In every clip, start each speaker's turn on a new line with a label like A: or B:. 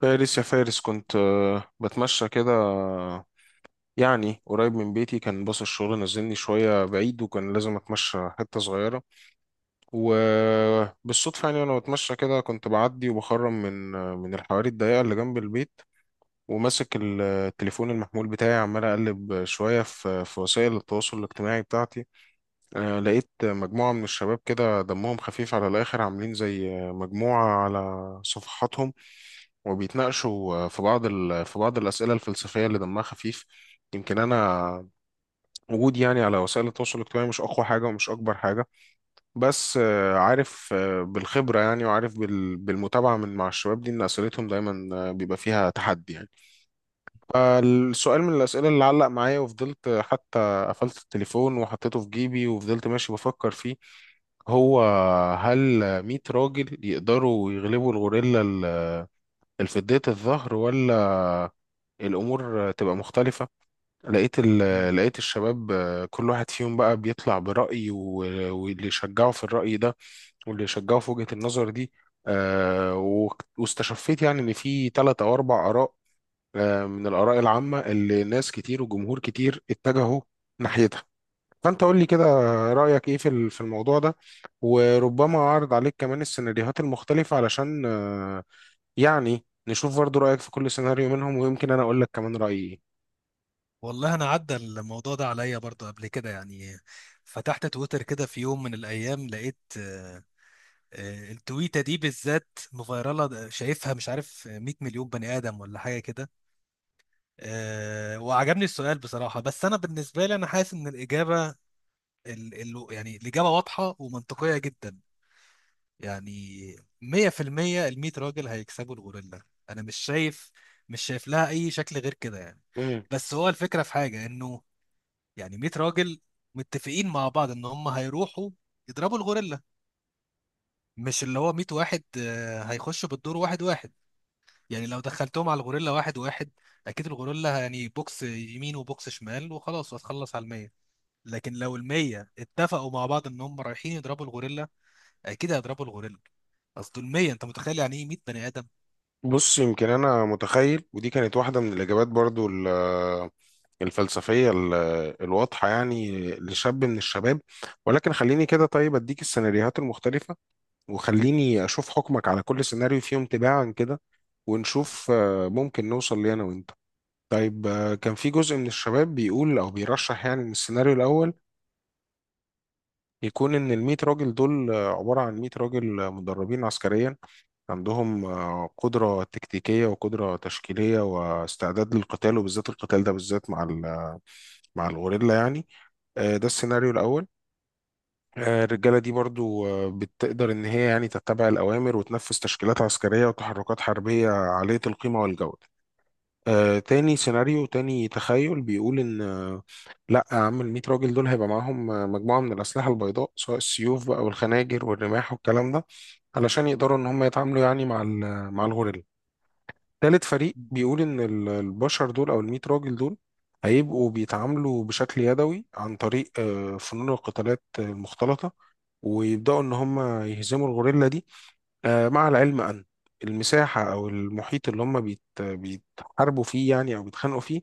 A: فارس، يا فارس كنت بتمشى كده، يعني قريب من بيتي. كان باص الشغل نزلني شوية بعيد، وكان لازم أتمشى حتة صغيرة. وبالصدفة يعني وأنا بتمشى كده كنت بعدي وبخرم من من الحواري الضيقة اللي جنب البيت، وماسك التليفون المحمول بتاعي، عمال أقلب شوية في وسائل التواصل الاجتماعي بتاعتي. لقيت مجموعة من الشباب كده دمهم خفيف على الآخر، عاملين زي مجموعة على صفحاتهم، وبيتناقشوا في بعض في بعض الأسئلة الفلسفية اللي دمها خفيف. يمكن أنا وجودي يعني على وسائل التواصل الاجتماعي مش أقوى حاجة ومش أكبر حاجة، بس عارف بالخبرة يعني، وعارف بالمتابعة من مع الشباب دي إن أسئلتهم دايما بيبقى فيها تحدي يعني. فالسؤال من الأسئلة اللي علق معايا وفضلت، حتى قفلت التليفون وحطيته في جيبي وفضلت ماشي بفكر فيه. هو، هل 100 راجل يقدروا يغلبوا الغوريلا الفدية الظهر، ولا الأمور تبقى مختلفة؟ لقيت
B: مم.
A: لقيت الشباب كل واحد فيهم بقى بيطلع برأي واللي يشجعه في الرأي ده، واللي يشجعه في وجهة النظر دي. واستشفيت يعني إن في ثلاث أو أربع آراء، من الآراء العامة اللي ناس كتير وجمهور كتير اتجهوا ناحيتها. فأنت قول لي كده، رأيك إيه في في الموضوع ده؟ وربما أعرض عليك كمان السيناريوهات المختلفة، علشان يعني نشوف برضو رأيك في كل سيناريو منهم، ويمكن أنا أقول لك كمان رأيي
B: والله انا عدى الموضوع ده عليا برضو قبل كده يعني. فتحت تويتر كده في يوم من الايام، لقيت التويته دي بالذات مفيرله شايفها، مش عارف 100 مليون بني ادم ولا حاجه كده. وعجبني السؤال بصراحه، بس انا بالنسبه لي انا حاسس ان الاجابه ال ال يعني الاجابه واضحه ومنطقيه جدا. يعني 100%، ال 100 راجل هيكسبوا الغوريلا. انا مش شايف، مش شايف لها اي شكل غير كده يعني.
A: إيه.
B: بس هو الفكره في حاجه انه يعني 100 راجل متفقين مع بعض ان هم هيروحوا يضربوا الغوريلا. مش اللي هو 100 واحد هيخشوا بالدور واحد واحد. يعني لو دخلتهم على الغوريلا واحد واحد، اكيد الغوريلا يعني بوكس يمين وبوكس شمال وخلاص، وهتخلص على المية. لكن لو المية اتفقوا مع بعض ان هم رايحين يضربوا الغوريلا، اكيد هيضربوا الغوريلا. اصل المية، انت متخيل يعني ايه 100 بني ادم؟
A: بص، يمكن انا متخيل، ودي كانت واحده من الاجابات برضو الفلسفيه الواضحه يعني لشاب من الشباب، ولكن خليني كده. طيب، اديك السيناريوهات المختلفه، وخليني اشوف حكمك على كل سيناريو فيهم تباعا كده، ونشوف ممكن نوصل ليه انا وانت. طيب، كان في جزء من الشباب بيقول او بيرشح يعني ان السيناريو الاول يكون ان ال 100 راجل دول عباره عن 100 راجل مدربين عسكريا، عندهم قدرة تكتيكية وقدرة تشكيلية واستعداد للقتال، وبالذات القتال ده بالذات مع مع الغوريلا يعني. ده السيناريو الأول. الرجالة دي برضو بتقدر إن هي يعني تتبع الأوامر، وتنفذ تشكيلات عسكرية وتحركات حربية عالية القيمة والجودة. تاني سيناريو، تاني تخيل بيقول إن لا يا عم ال 100 راجل دول هيبقى معاهم مجموعة من الأسلحة البيضاء، سواء السيوف بقى والخناجر والرماح والكلام ده، علشان يقدروا إن هم يتعاملوا يعني مع مع الغوريلا. تالت فريق بيقول إن البشر دول، أو الميت راجل دول، هيبقوا بيتعاملوا بشكل يدوي عن طريق فنون القتالات المختلطة، ويبدأوا إن هم يهزموا الغوريلا دي. مع العلم أن المساحة أو المحيط اللي هم بيتحاربوا فيه يعني، أو بيتخانقوا فيه،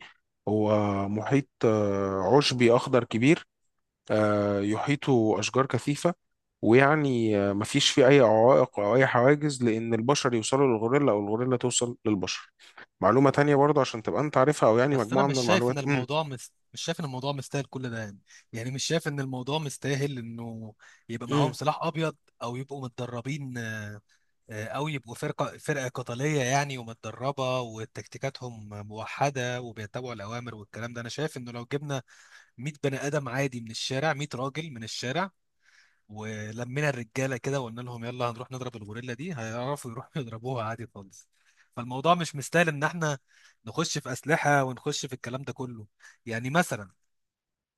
A: هو محيط عشبي أخضر كبير، يحيطه أشجار كثيفة، ويعني مفيش فيه أي عوائق أو أي حواجز، لأن البشر يوصلوا للغوريلا أو الغوريلا توصل للبشر. معلومة تانية برضه عشان تبقى أنت عارفها، أو يعني
B: بس انا
A: مجموعة من
B: مش شايف ان
A: المعلومات. مم.
B: الموضوع مش شايف ان الموضوع مستاهل كل ده يعني. يعني مش شايف ان الموضوع مستاهل انه يبقى معاهم
A: مم.
B: سلاح ابيض، او يبقوا متدربين، او يبقوا فرقه قتاليه يعني، ومتدربه وتكتيكاتهم موحده وبيتبعوا الاوامر والكلام ده. انا شايف انه لو جبنا 100 بني ادم عادي من الشارع، 100 راجل من الشارع، ولمينا الرجاله كده وقلنا لهم يلا هنروح نضرب الغوريلا دي، هيعرفوا يروحوا يضربوها عادي خالص. فالموضوع مش مستاهل ان احنا نخش في اسلحه ونخش في الكلام ده كله. يعني مثلا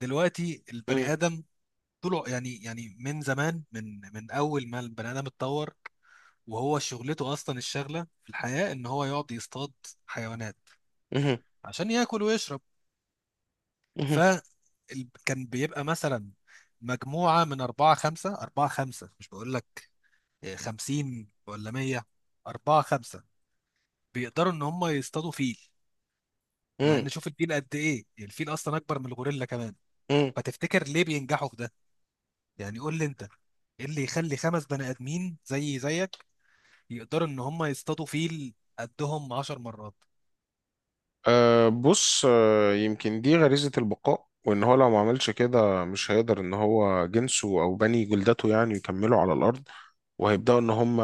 B: دلوقتي
A: مم.
B: البني ادم طلع يعني من زمان، من اول ما البني ادم اتطور وهو شغلته اصلا، الشغله في الحياه ان هو يقعد يصطاد حيوانات
A: مم.
B: عشان ياكل ويشرب. ف
A: مم.
B: كان بيبقى مثلا مجموعه من اربعه خمسه، مش بقول لك 50 ولا 100، اربعه خمسه، بيقدروا ان هم يصطادوا فيل. مع
A: مم.
B: ان شوف الفيل قد ايه، الفيل اصلا اكبر من الغوريلا كمان.
A: مم.
B: فتفتكر ليه بينجحوا في ده؟ يعني قول لي انت، ايه اللي يخلي خمس بني ادمين زي زيك يقدروا ان هم يصطادوا فيل قدهم 10 مرات؟
A: أه، بص، أه يمكن دي غريزة البقاء، وإن هو لو ما عملش كده مش هيقدر إن هو جنسه أو بني جلدته يعني يكملوا على الأرض، وهيبدأوا إن هم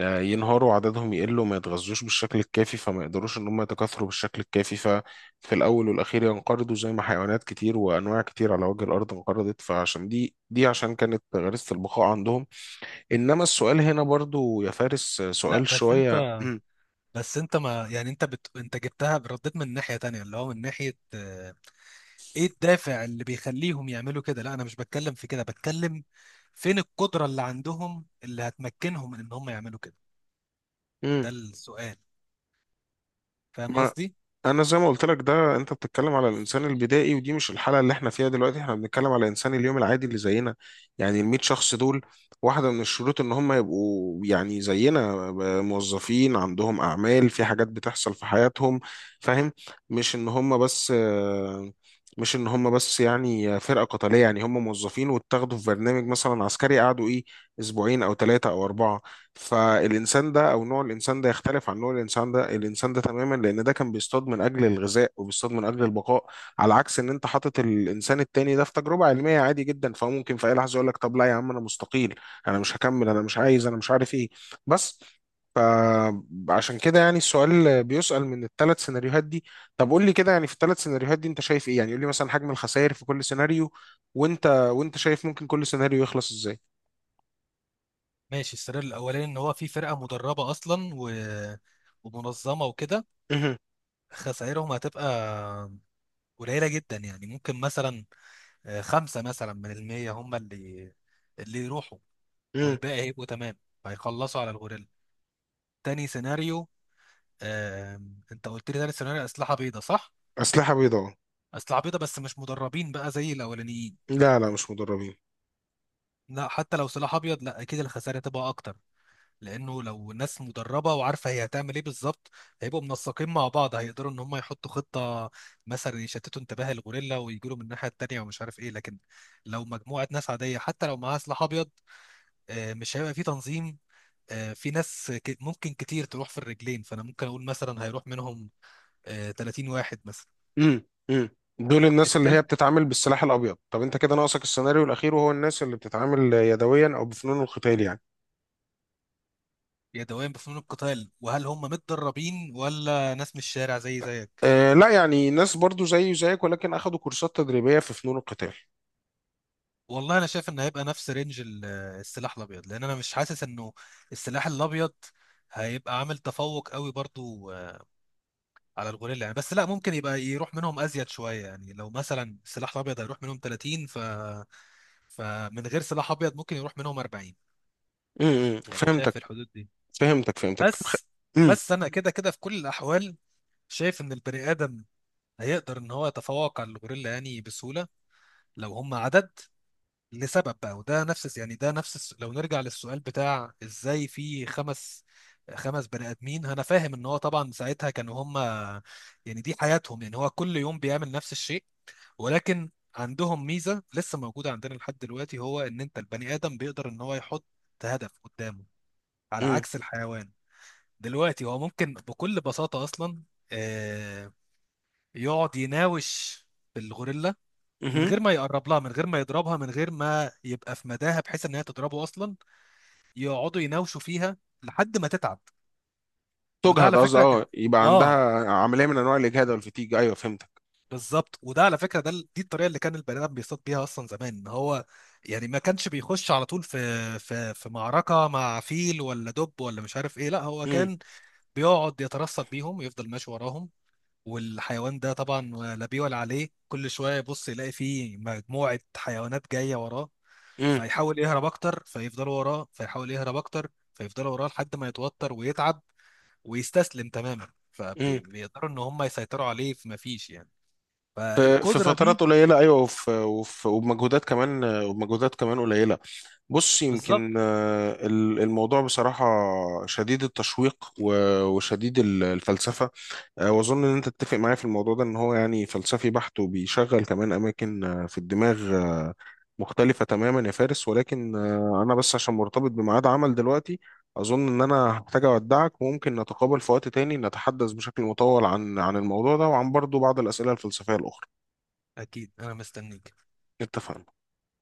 A: ينهاروا، عددهم يقل وما يتغذوش بالشكل الكافي، فما يقدروش ان هم يتكاثروا بالشكل الكافي، ففي الاول والاخير ينقرضوا زي ما حيوانات كتير وانواع كتير على وجه الارض انقرضت، فعشان دي عشان كانت غريزة البقاء عندهم. انما السؤال هنا برضو يا فارس
B: لا
A: سؤال
B: بس انت
A: شوية.
B: بس انت ما يعني انت بت... انت جبتها رديت من ناحية تانية، اللي هو من ناحية، ايه الدافع اللي بيخليهم يعملوا كده. لا انا مش بتكلم في كده، بتكلم فين القدرة اللي عندهم اللي هتمكنهم من ان هم يعملوا كده. ده السؤال. فاهم
A: ما
B: قصدي؟
A: انا زي ما قلت لك، ده انت بتتكلم على الانسان البدائي، ودي مش الحاله اللي احنا فيها دلوقتي. احنا بنتكلم على انسان اليوم العادي اللي زينا، يعني ال 100 شخص دول. واحده من الشروط ان هم يبقوا يعني زينا، موظفين عندهم اعمال، في حاجات بتحصل في حياتهم، فاهم؟ مش ان هم بس مش ان هم بس يعني فرقه قتاليه، يعني هم موظفين واتاخدوا في برنامج مثلا عسكري، قعدوا ايه، اسبوعين او ثلاثه او اربعه. فالإنسان ده أو نوع الإنسان ده يختلف عن نوع الإنسان ده الإنسان ده تماما، لأن ده كان بيصطاد من أجل الغذاء وبيصطاد من أجل البقاء، على عكس إن أنت حاطط الإنسان التاني ده في تجربة علمية عادي جدا، فهو ممكن في أي لحظة يقول لك طب لا يا عم أنا مستقيل، أنا مش هكمل، أنا مش عايز، أنا مش عارف إيه، بس. فعشان كده يعني السؤال بيسأل من الثلاث سيناريوهات دي. طب قول لي كده، يعني في الثلاث سيناريوهات دي أنت شايف إيه؟ يعني قول لي مثلا حجم الخسائر في كل سيناريو، وأنت، وأنت شايف ممكن كل سيناريو يخلص إزاي.
B: ماشي. السؤال الاولاني ان هو في فرقة مدربة اصلا ومنظمة وكده،
A: مهم.
B: خسائرهم هتبقى قليلة جدا. يعني ممكن مثلا خمسة مثلا من المية هم اللي يروحوا،
A: مهم.
B: والباقي هيبقوا تمام، هيخلصوا على الغوريلا. تاني سيناريو. انت قلت لي تاني سيناريو اسلحه بيضاء، صح؟
A: أسلحة بيضاء.
B: اسلحه بيضاء بس مش مدربين بقى زي الاولانيين.
A: لا، لا مش مدربين.
B: لا، حتى لو سلاح ابيض، لا اكيد الخسائر هتبقى اكتر. لانه لو ناس مدربه وعارفه هي هتعمل ايه بالظبط، هيبقوا منسقين مع بعض، هيقدروا ان هم يحطوا خطه مثلا يشتتوا انتباه الغوريلا ويجوا له من الناحيه التانيه ومش عارف ايه. لكن لو مجموعه ناس عاديه حتى لو معاها سلاح ابيض، مش هيبقى في تنظيم، في ناس ممكن كتير تروح في الرجلين. فانا ممكن اقول مثلا هيروح منهم 30 واحد مثلا.
A: امم امم دول الناس اللي هي
B: التلج
A: بتتعامل بالسلاح الابيض. طب انت كده ناقصك السيناريو الاخير، وهو الناس اللي بتتعامل يدويا او بفنون القتال يعني.
B: يدويا بفنون القتال، وهل هم متدربين ولا ناس من الشارع زي زيك؟
A: آه لا، يعني ناس برضو زيي وزيك، ولكن اخذوا كورسات تدريبية في فنون القتال.
B: والله انا شايف ان هيبقى نفس رينج السلاح الابيض. لان انا مش حاسس انه السلاح الابيض هيبقى عامل تفوق قوي برضو على الغوريلا يعني. بس لا ممكن يبقى يروح منهم ازيد شويه. يعني لو مثلا السلاح الابيض هيروح منهم 30، فمن غير سلاح ابيض ممكن يروح منهم 40. يعني
A: فهمتك.
B: شايف الحدود دي.
A: فهمتك، فهمتك. طب
B: بس
A: امم
B: بس انا كده كده في كل الاحوال شايف ان البني ادم هيقدر ان هو يتفوق على الغوريلا يعني بسهوله لو هم عدد. لسبب بقى، وده نفس لو نرجع للسؤال بتاع ازاي في خمس بني ادمين، انا فاهم ان هو طبعا ساعتها كانوا هم، يعني دي حياتهم، يعني هو كل يوم بيعمل نفس الشيء. ولكن عندهم ميزة لسه موجودة عندنا لحد دلوقتي، هو ان انت البني ادم بيقدر ان هو يحط هدف قدامه، على
A: امم
B: عكس الحيوان. دلوقتي هو ممكن بكل بساطة اصلا آه، يقعد يناوش الغوريلا من
A: امم
B: غير ما يقرب لها، من غير ما يضربها، من غير ما يبقى في مداها بحيث ان هي تضربه اصلا. يقعدوا يناوشوا فيها لحد ما تتعب. وده
A: تجهد،
B: على
A: قصدي
B: فكره كان،
A: اه، يبقى عندها
B: اه
A: عملية من انواع الاجهاد والفتيج، ايوه فهمتك.
B: بالظبط. وده على فكره، ده دي الطريقه اللي كان البني ادم بيصطاد بيها اصلا زمان. ان هو يعني ما كانش بيخش على طول في معركه مع فيل ولا دب ولا مش عارف ايه. لا هو
A: امم
B: كان بيقعد يترصد بيهم، يفضل ماشي وراهم. والحيوان ده طبعا لا بيه ولا عليه، كل شويه يبص يلاقي فيه مجموعه حيوانات جايه وراه، فيحاول يهرب اكتر فيفضلوا وراه، فيحاول يهرب اكتر فيفضلوا وراه، لحد ما يتوتر ويتعب ويستسلم تماما،
A: امم
B: فبيقدروا ان هم يسيطروا عليه. فما فيش يعني.
A: في
B: فالقدرة
A: فترات
B: دي
A: قليلة، أيوة، وفي وفي وبمجهودات كمان وبمجهودات كمان قليلة. بص،
B: بالظبط.
A: يمكن الموضوع بصراحة شديد التشويق وشديد الفلسفة. وأظن إن أنت تتفق معايا في الموضوع ده، إن هو يعني فلسفي بحت، وبيشغل كمان أماكن في الدماغ مختلفة تماما يا فارس. ولكن أنا بس عشان مرتبط بميعاد عمل دلوقتي، أظن إن أنا هحتاج أودعك، وممكن نتقابل في وقت تاني نتحدث بشكل مطول عن الموضوع ده، وعن برضو بعض الأسئلة الفلسفية الأخرى.
B: اكيد انا مستنيك.
A: اتفقنا.